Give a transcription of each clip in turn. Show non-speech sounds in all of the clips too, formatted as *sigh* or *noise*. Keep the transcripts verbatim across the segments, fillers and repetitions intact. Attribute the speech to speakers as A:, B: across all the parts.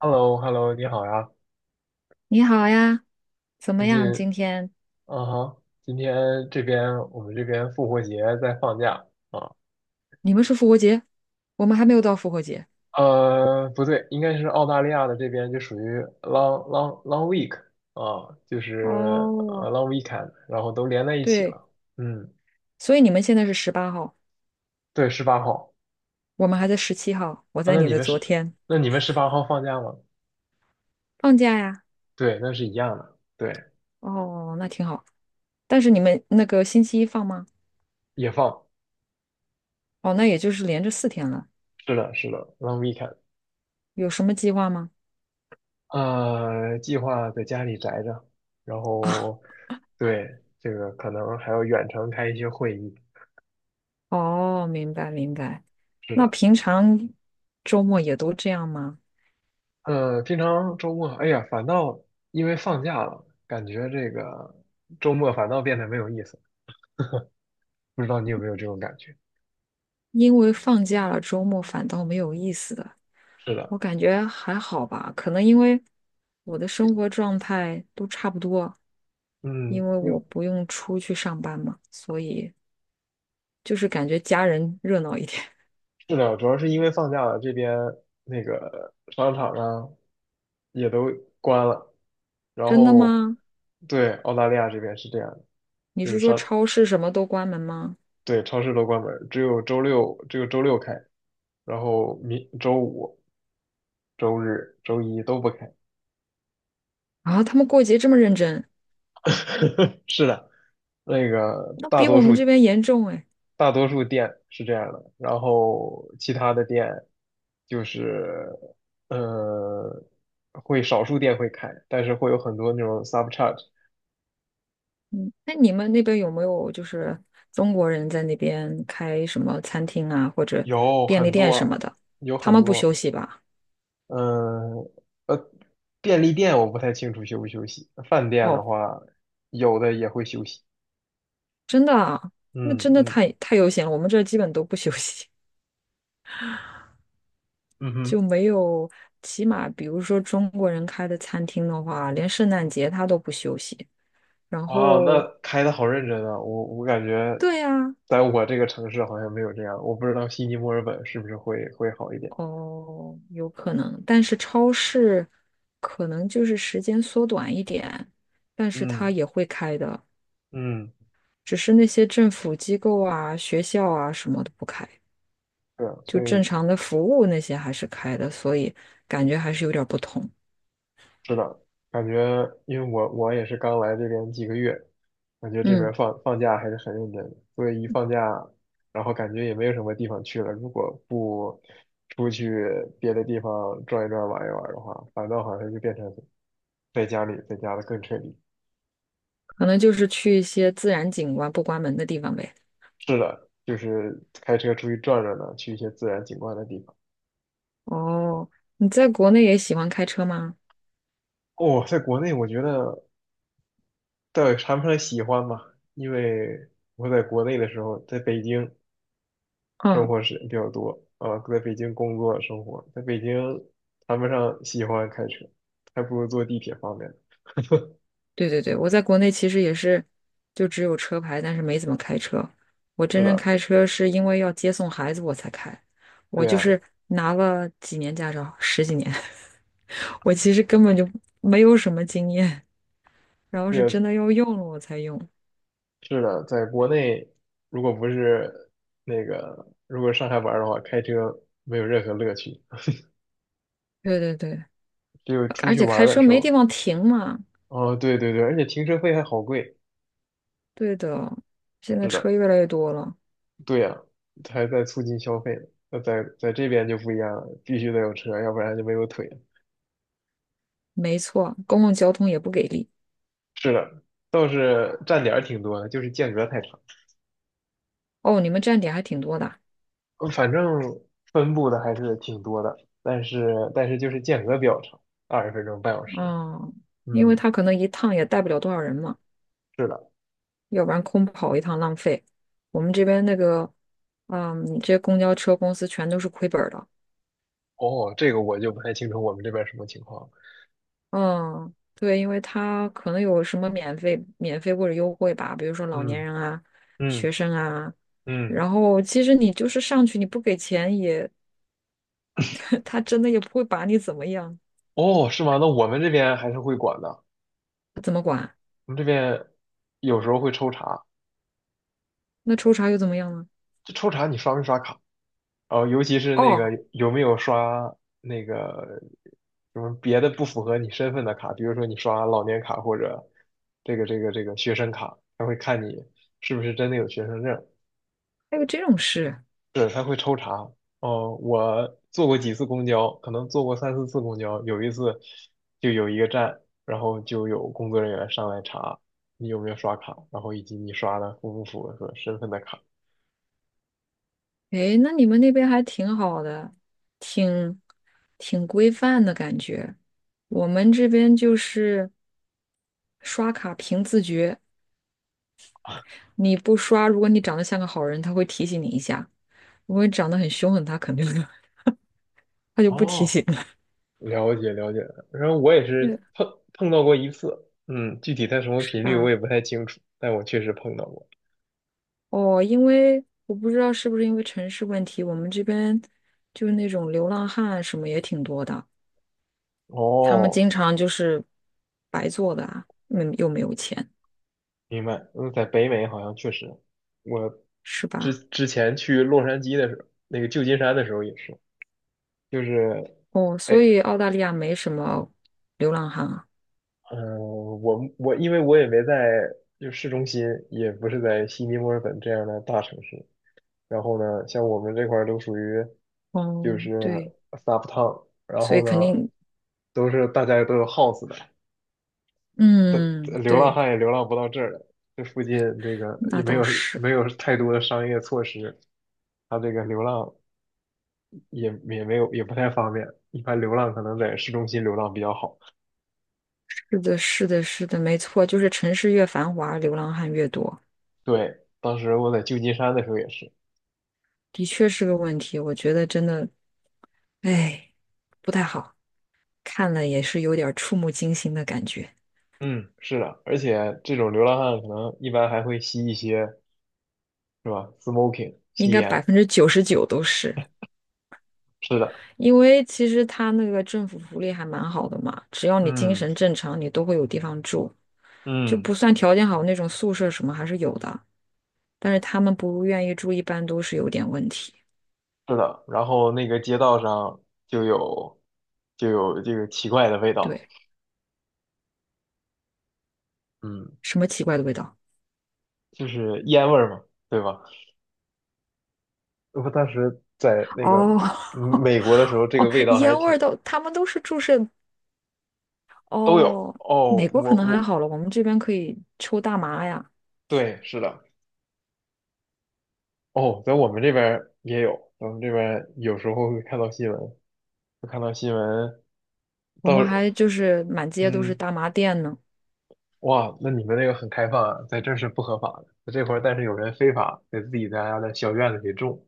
A: h e l l o h e l l o 你好呀！
B: 你好呀，怎
A: 最
B: 么
A: 近，
B: 样？今天
A: 嗯哈。今天这边我们这边复活节在放假啊。
B: 你们是复活节，我们还没有到复活节。
A: 呃，不对，应该是澳大利亚的这边就属于 long long long week 啊，就是
B: 哦，
A: 呃 long weekend，然后都连在一起
B: 对，
A: 了。嗯，
B: 所以你们现在是十八号，
A: 对，十八号
B: 我们还在十七号。我
A: 啊。
B: 在
A: 那
B: 你
A: 你
B: 的
A: 们
B: 昨
A: 是
B: 天
A: 那你们十八号放假吗？
B: 放假呀。
A: 对，那是一样的，对，
B: 哦，那挺好。但是你们那个星期一放吗？
A: 也放。
B: 哦，那也就是连着四天了。
A: 是的，是的，long weekend。
B: 有什么计划吗？
A: 呃，计划在家里宅着，然后，对，这个可能还要远程开一些会议。
B: 哦，明白明白。
A: 是
B: 那
A: 的。
B: 平常周末也都这样吗？
A: 呃，平常周末，哎呀，反倒因为放假了，感觉这个周末反倒变得没有意思。不知道你有没有这种感觉？
B: 因为放假了，周末反倒没有意思的。
A: 是
B: 我
A: 的。
B: 感觉还好吧，可能因为我的生活状态都差不多，
A: 嗯。
B: 因为
A: 因为
B: 我不用出去上班嘛，所以就是感觉家人热闹一点。*laughs*
A: 是的，主要是因为放假了，这边那个商场啊也都关了，然
B: 真的
A: 后，
B: 吗？
A: 对，澳大利亚这边是这样的。
B: 你
A: 就是
B: 是说
A: 商
B: 超市什么都关门吗？
A: 对，超市都关门儿。只有周六只有周六开，然后明周五、周日、周一都不开。
B: 啊，他们过节这么认真，
A: *laughs* 是的。那个
B: 那
A: 大
B: 比
A: 多
B: 我们
A: 数
B: 这边严重哎。
A: 大多数店是这样的，然后其他的店就是呃会少数店会开，但是会有很多那种 sub charge。
B: 嗯，那你们那边有没有就是中国人在那边开什么餐厅啊，或者
A: 有
B: 便利
A: 很
B: 店什么
A: 多，
B: 的？
A: 有
B: 他
A: 很
B: 们不休
A: 多。
B: 息吧？
A: 嗯。呃，便利店我不太清楚休不休息，饭店的
B: 哦。
A: 话，有的也会休息。
B: 真的啊，那
A: 嗯
B: 真的
A: 嗯。
B: 太太悠闲了。我们这儿基本都不休息，
A: 嗯
B: *laughs*
A: 哼。
B: 就没有，起码比如说中国人开的餐厅的话，连圣诞节他都不休息。然
A: 哇，那
B: 后，
A: 开的好认真啊！我我感觉，
B: 对呀，
A: 在我这个城市好像没有这样，我不知道悉尼、墨尔本是不是会会好一点。
B: 哦，有可能，但是超市可能就是时间缩短一点，但是他
A: 嗯。
B: 也会开的，
A: 嗯。
B: 只是那些政府机构啊、学校啊什么的不开，
A: 对啊，
B: 就
A: 所
B: 正
A: 以。
B: 常的服务那些还是开的，所以感觉还是有点儿不同。
A: 是的，感觉因为我我也是刚来这边几个月，感觉这边
B: 嗯。
A: 放放假还是很认真的，所以一放假，然后感觉也没有什么地方去了。如果不出去别的地方转一转、玩一玩的话，反倒好像就变成在家里，在家的更彻底。
B: 可能就是去一些自然景观不关门的地方呗。
A: 是的，就是开车出去转转呢，去一些自然景观的地方。
B: 哦，你在国内也喜欢开车吗？
A: 哦，在国内我觉得倒也谈不上喜欢吧，因为我在国内的时候，在北京。生
B: 嗯，
A: 活时间比较多啊，在北京工作生活，在北京谈不上喜欢开车，还不如坐地铁方便。
B: 对对对，我在国内其实也是，就只有车牌，但是没怎么开车。我真
A: 是
B: 正
A: 的。
B: 开车是因为要接送孩子我才开，
A: 对
B: 我就
A: 呀，
B: 是拿了几年驾照，十几年，*laughs* 我其实根本就没有什么经验，然后
A: 对
B: 是
A: 呀。
B: 真的要用了我才用。
A: 是的。在国内如果不是那个，如果上下班儿的话，开车没有任何乐趣，
B: 对对对，
A: 只有出
B: 而
A: 去
B: 且
A: 玩
B: 开
A: 儿的
B: 车
A: 时
B: 没地
A: 候。
B: 方停嘛。
A: 哦，对对对，而且停车费还好贵。
B: 对的，现在
A: 是
B: 车
A: 的。
B: 越来越多了。
A: 对呀。还在促进消费呢。那在在这边就不一样了，必须得有车，要不然就没有腿。
B: 没错，公共交通也不给力。
A: 是的。倒是站点儿挺多的，就是间隔太长。
B: 哦，你们站点还挺多的啊。
A: 嗯反正分布的还是挺多的，但是但是就是间隔比较长，二十分钟半小时。
B: 哦因为
A: 嗯。
B: 他可能一趟也带不了多少人嘛，
A: 是的。
B: 要不然空跑一趟浪费。我们这边那个，嗯，这些公交车公司全都是亏本儿的。
A: 哦，这个我就不太清楚我们这边什么情况。
B: 嗯，对，因为他可能有什么免费、免费或者优惠吧，比如说老年
A: 嗯。
B: 人啊、
A: 嗯。
B: 学生啊。
A: 嗯。
B: 然后其实你就是上去你不给钱也，*laughs* 他真的也不会把你怎么样，
A: 哦，是吗？那我们这边还是会管的。
B: 怎么管？
A: 我们这边有时候会抽查。
B: 那抽查又怎么样呢？
A: 这抽查你刷没刷卡？哦，尤其是那个
B: 哦，
A: 有没有刷那个什么别的不符合你身份的卡，比如说你刷老年卡或者这个这个这个学生卡，他会看你是不是真的有学生证。
B: 还有这种事。
A: 对，他会抽查。哦，我坐过几次公交，可能坐过三四次公交，有一次就有一个站，然后就有工作人员上来查你有没有刷卡，然后以及你刷的符不符合身份的卡。
B: 诶，那你们那边还挺好的，挺挺规范的感觉。我们这边就是刷卡凭自觉，你不刷，如果你长得像个好人，他会提醒你一下；如果你长得很凶狠，他肯定的 *laughs* 他就不提
A: 哦，
B: 醒了。
A: 了解了解。然后我也
B: 对，
A: 是碰碰到过一次。嗯，具体它什么
B: 是
A: 频率我也
B: 吧？
A: 不太清楚，但我确实碰到过。
B: 哦，因为我不知道是不是因为城市问题，我们这边就是那种流浪汉什么也挺多的，他们
A: 哦，
B: 经常就是白做的啊，嗯，又没有钱，
A: 明白。嗯。在北美好像确实，我
B: 是
A: 之
B: 吧？
A: 之前去洛杉矶的时候，那个旧金山的时候也是，就是，
B: 哦，
A: 哎，
B: 所以澳大利亚没什么流浪汉啊。
A: 嗯、我我因为我也没在就市中心，也不是在悉尼、墨尔本这样的大城市。然后呢，像我们这块儿都属于就
B: 哦，
A: 是
B: 对，
A: 撒不烫。然
B: 所以
A: 后
B: 肯
A: 呢，
B: 定，
A: 都是大家都有 house 的，但
B: 嗯，
A: 流浪
B: 对，
A: 汉也流浪不到这儿来。这附近这个也
B: 那
A: 没
B: 倒
A: 有
B: 是，
A: 没有太多的商业措施，他这个流浪也也没有也不太方便。一般流浪可能在市中心流浪比较好。
B: 是的，是的，是的，没错，就是城市越繁华，流浪汉越多，
A: 对，当时我在旧金山的时候也是。
B: 的确是个问题。我觉得真的，哎，不太好，看了也是有点儿触目惊心的感觉。
A: 嗯。是的。而且这种流浪汉可能一般还会吸一些是吧，smoking
B: 应
A: 吸
B: 该
A: 烟。
B: 百分之九十九都是，
A: 是的。
B: 因为其实他那个政府福利还蛮好的嘛，只要你精
A: 嗯。
B: 神正常，你都会有地方住，就
A: 嗯。
B: 不算条件好那种宿舍什么还是有的。但是他们不愿意住，一般都是有点问题。
A: 是的，然后那个街道上就有就有这个奇怪的味道。
B: 对，
A: 嗯。
B: 什么奇怪的味道？
A: 就是烟味儿嘛，对吧？我当时在那个
B: 哦
A: 嗯美国的时
B: *laughs*
A: 候，这
B: 哦，
A: 个味道还是
B: 烟味
A: 挺，
B: 儿都，他们都是注射。
A: 都有
B: 哦，
A: 哦。
B: 美国可
A: 我
B: 能还
A: 我
B: 好了，我们这边可以抽大麻呀，
A: 对，是的。哦，在我们这边儿也有，我们这边儿有时候会看到新闻，会看到新闻
B: 我
A: 到
B: 们还就是满街都是
A: 嗯。
B: 大麻店呢。
A: 哇，那你们那个很开放啊。在这儿是不合法的，这块儿但是有人非法在自己家的小院子里种。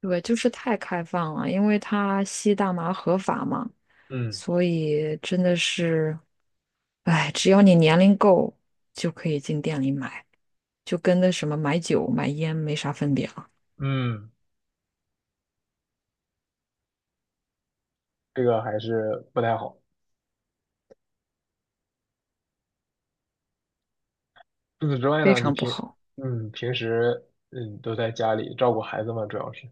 B: 对，就是太开放了，因为他吸大麻合法嘛，
A: 嗯。
B: 所以真的是，哎，只要你年龄够，就可以进店里买，就跟那什么买酒买烟没啥分别了，
A: 嗯，这个还是不太好。除此之外
B: 非
A: 呢，你
B: 常不
A: 平
B: 好。
A: 嗯平时嗯都在家里照顾孩子嘛，主要是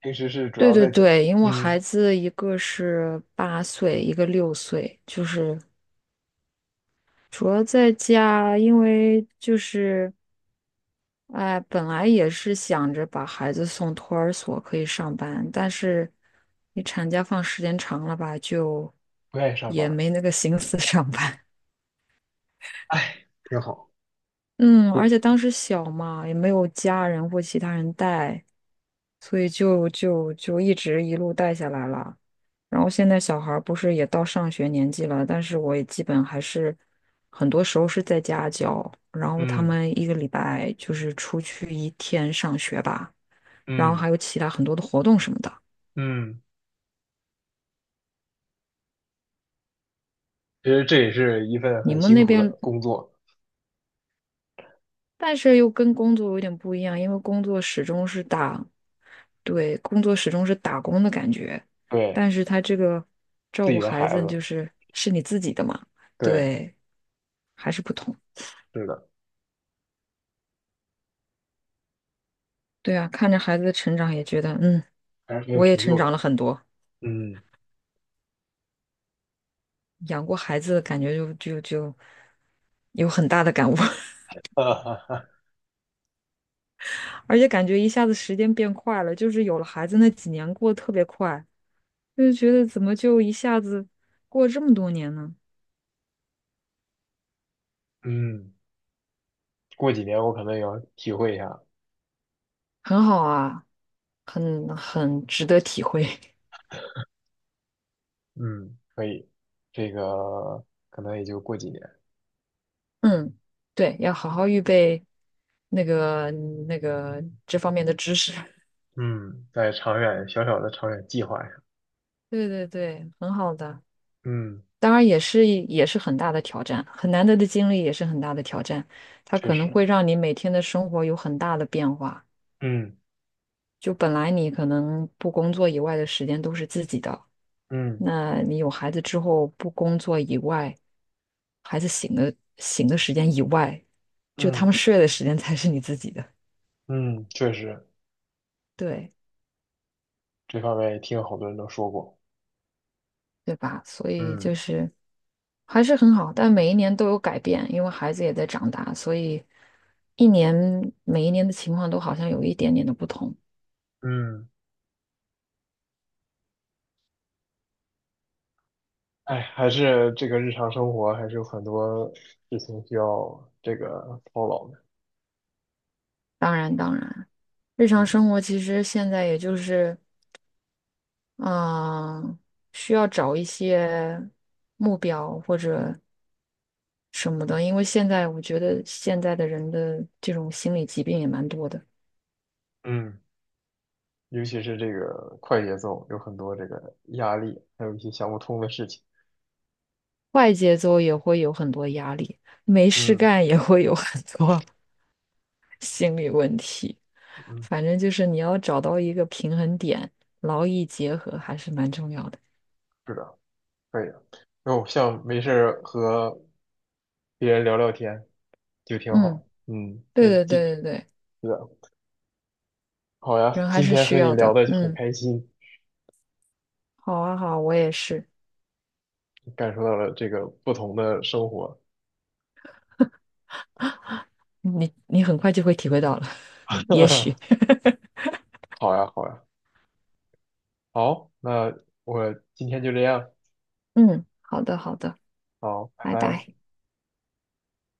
A: 平时是主
B: 对
A: 要
B: 对
A: 在家。
B: 对，因为我孩
A: 嗯。
B: 子一个是八岁，一个六岁，就是主要在家，因为就是哎，本来也是想着把孩子送托儿所可以上班，但是你产假放时间长了吧，就
A: 不愿意上班
B: 也
A: 儿。
B: 没那个心思上班。
A: 哎，挺好。
B: 嗯，而
A: 不。
B: 且当时小嘛，也没有家人或其他人带，所以就就就一直一路带下来了。然后现在小孩儿不是也到上学年纪了，但是我也基本还是很多时候是在家教，然后他
A: 嗯。
B: 们一个礼拜就是出去一天上学吧，然后
A: 嗯。
B: 还有其他很多的活动什么的。
A: 嗯。其实这也是一份
B: 你
A: 很
B: 们
A: 辛
B: 那
A: 苦的
B: 边
A: 工作。
B: 但是又跟工作有点不一样，因为工作始终是打，对，工作始终是打工的感觉，
A: 对，
B: 但是他这个
A: 自
B: 照顾
A: 己的
B: 孩
A: 孩
B: 子就
A: 子。
B: 是是你自己的嘛，
A: 对。
B: 对，还是不同。
A: 是的。
B: 对啊，看着孩子的成长，也觉得嗯，
A: 还是很有
B: 我也
A: 成
B: 成
A: 就感
B: 长了
A: 的。
B: 很多。
A: 嗯。
B: 养过孩子，感觉就就就有很大的感悟，
A: *laughs* 哈哈哈。
B: *laughs* 而且感觉一下子时间变快了，就是有了孩子那几年过得特别快，就是觉得怎么就一下子过了这么多年呢？
A: 嗯。*laughs* 过几年我可能也要体会一下。
B: 很好啊。很很值得体会。
A: 嗯，可以。这个可能也就过几年。
B: *laughs* 嗯，对，要好好预备那个那个这方面的知识。
A: 嗯，在长远小小的长远计划上。
B: *laughs* 对对对，很好的。
A: 嗯，
B: 当然也是也是很大的挑战，很难得的经历也是很大的挑战。它
A: 确
B: 可能
A: 实。
B: 会让你每天的生活有很大的变化。
A: 嗯。
B: 就本来你可能不工作以外的时间都是自己的，
A: 嗯。
B: 那你有孩子之后，不工作以外，孩子醒的醒的时间以外，就他
A: 嗯。
B: 们睡的时间才是你自己的。
A: 嗯，确实。
B: 对。
A: 这方面也听好多人都说过。
B: 对吧？所以就
A: 嗯。
B: 是还是很好，但每一年都有改变，因为孩子也在长大，所以一年每一年的情况都好像有一点点的不同。
A: 嗯，哎，还是这个日常生活还是有很多事情需要这个操劳的。
B: 当然，当然，日常
A: 嗯。
B: 生活其实现在也就是嗯、需要找一些目标或者什么的，因为现在我觉得现在的人的这种心理疾病也蛮多的。
A: 嗯，尤其是这个快节奏，有很多这个压力，还有一些想不通的事情。
B: 快节奏也会有很多压力，没事
A: 嗯。
B: 干也会有很多 *laughs* 心理问题。
A: 嗯。
B: 反正就是你要找到一个平衡点，劳逸结合还是蛮重要的。
A: 是的，可以的。那我像没事儿和别人聊聊天，就挺
B: 嗯，
A: 好。嗯。
B: 对
A: 那
B: 对
A: 今
B: 对
A: 是
B: 对对，
A: 的。好呀，
B: 人还
A: 今
B: 是
A: 天
B: 需
A: 和你
B: 要
A: 聊
B: 的。
A: 的很
B: 嗯，
A: 开心，
B: 好啊好，我也是。
A: 感受到了这个不同的生活。
B: 你你很快就会体会到了，*laughs* 也许。
A: *laughs*
B: *laughs*
A: 好呀，好呀，好，那我今天就这样。
B: 嗯，好的好的，
A: 好，拜
B: 拜拜。
A: 拜。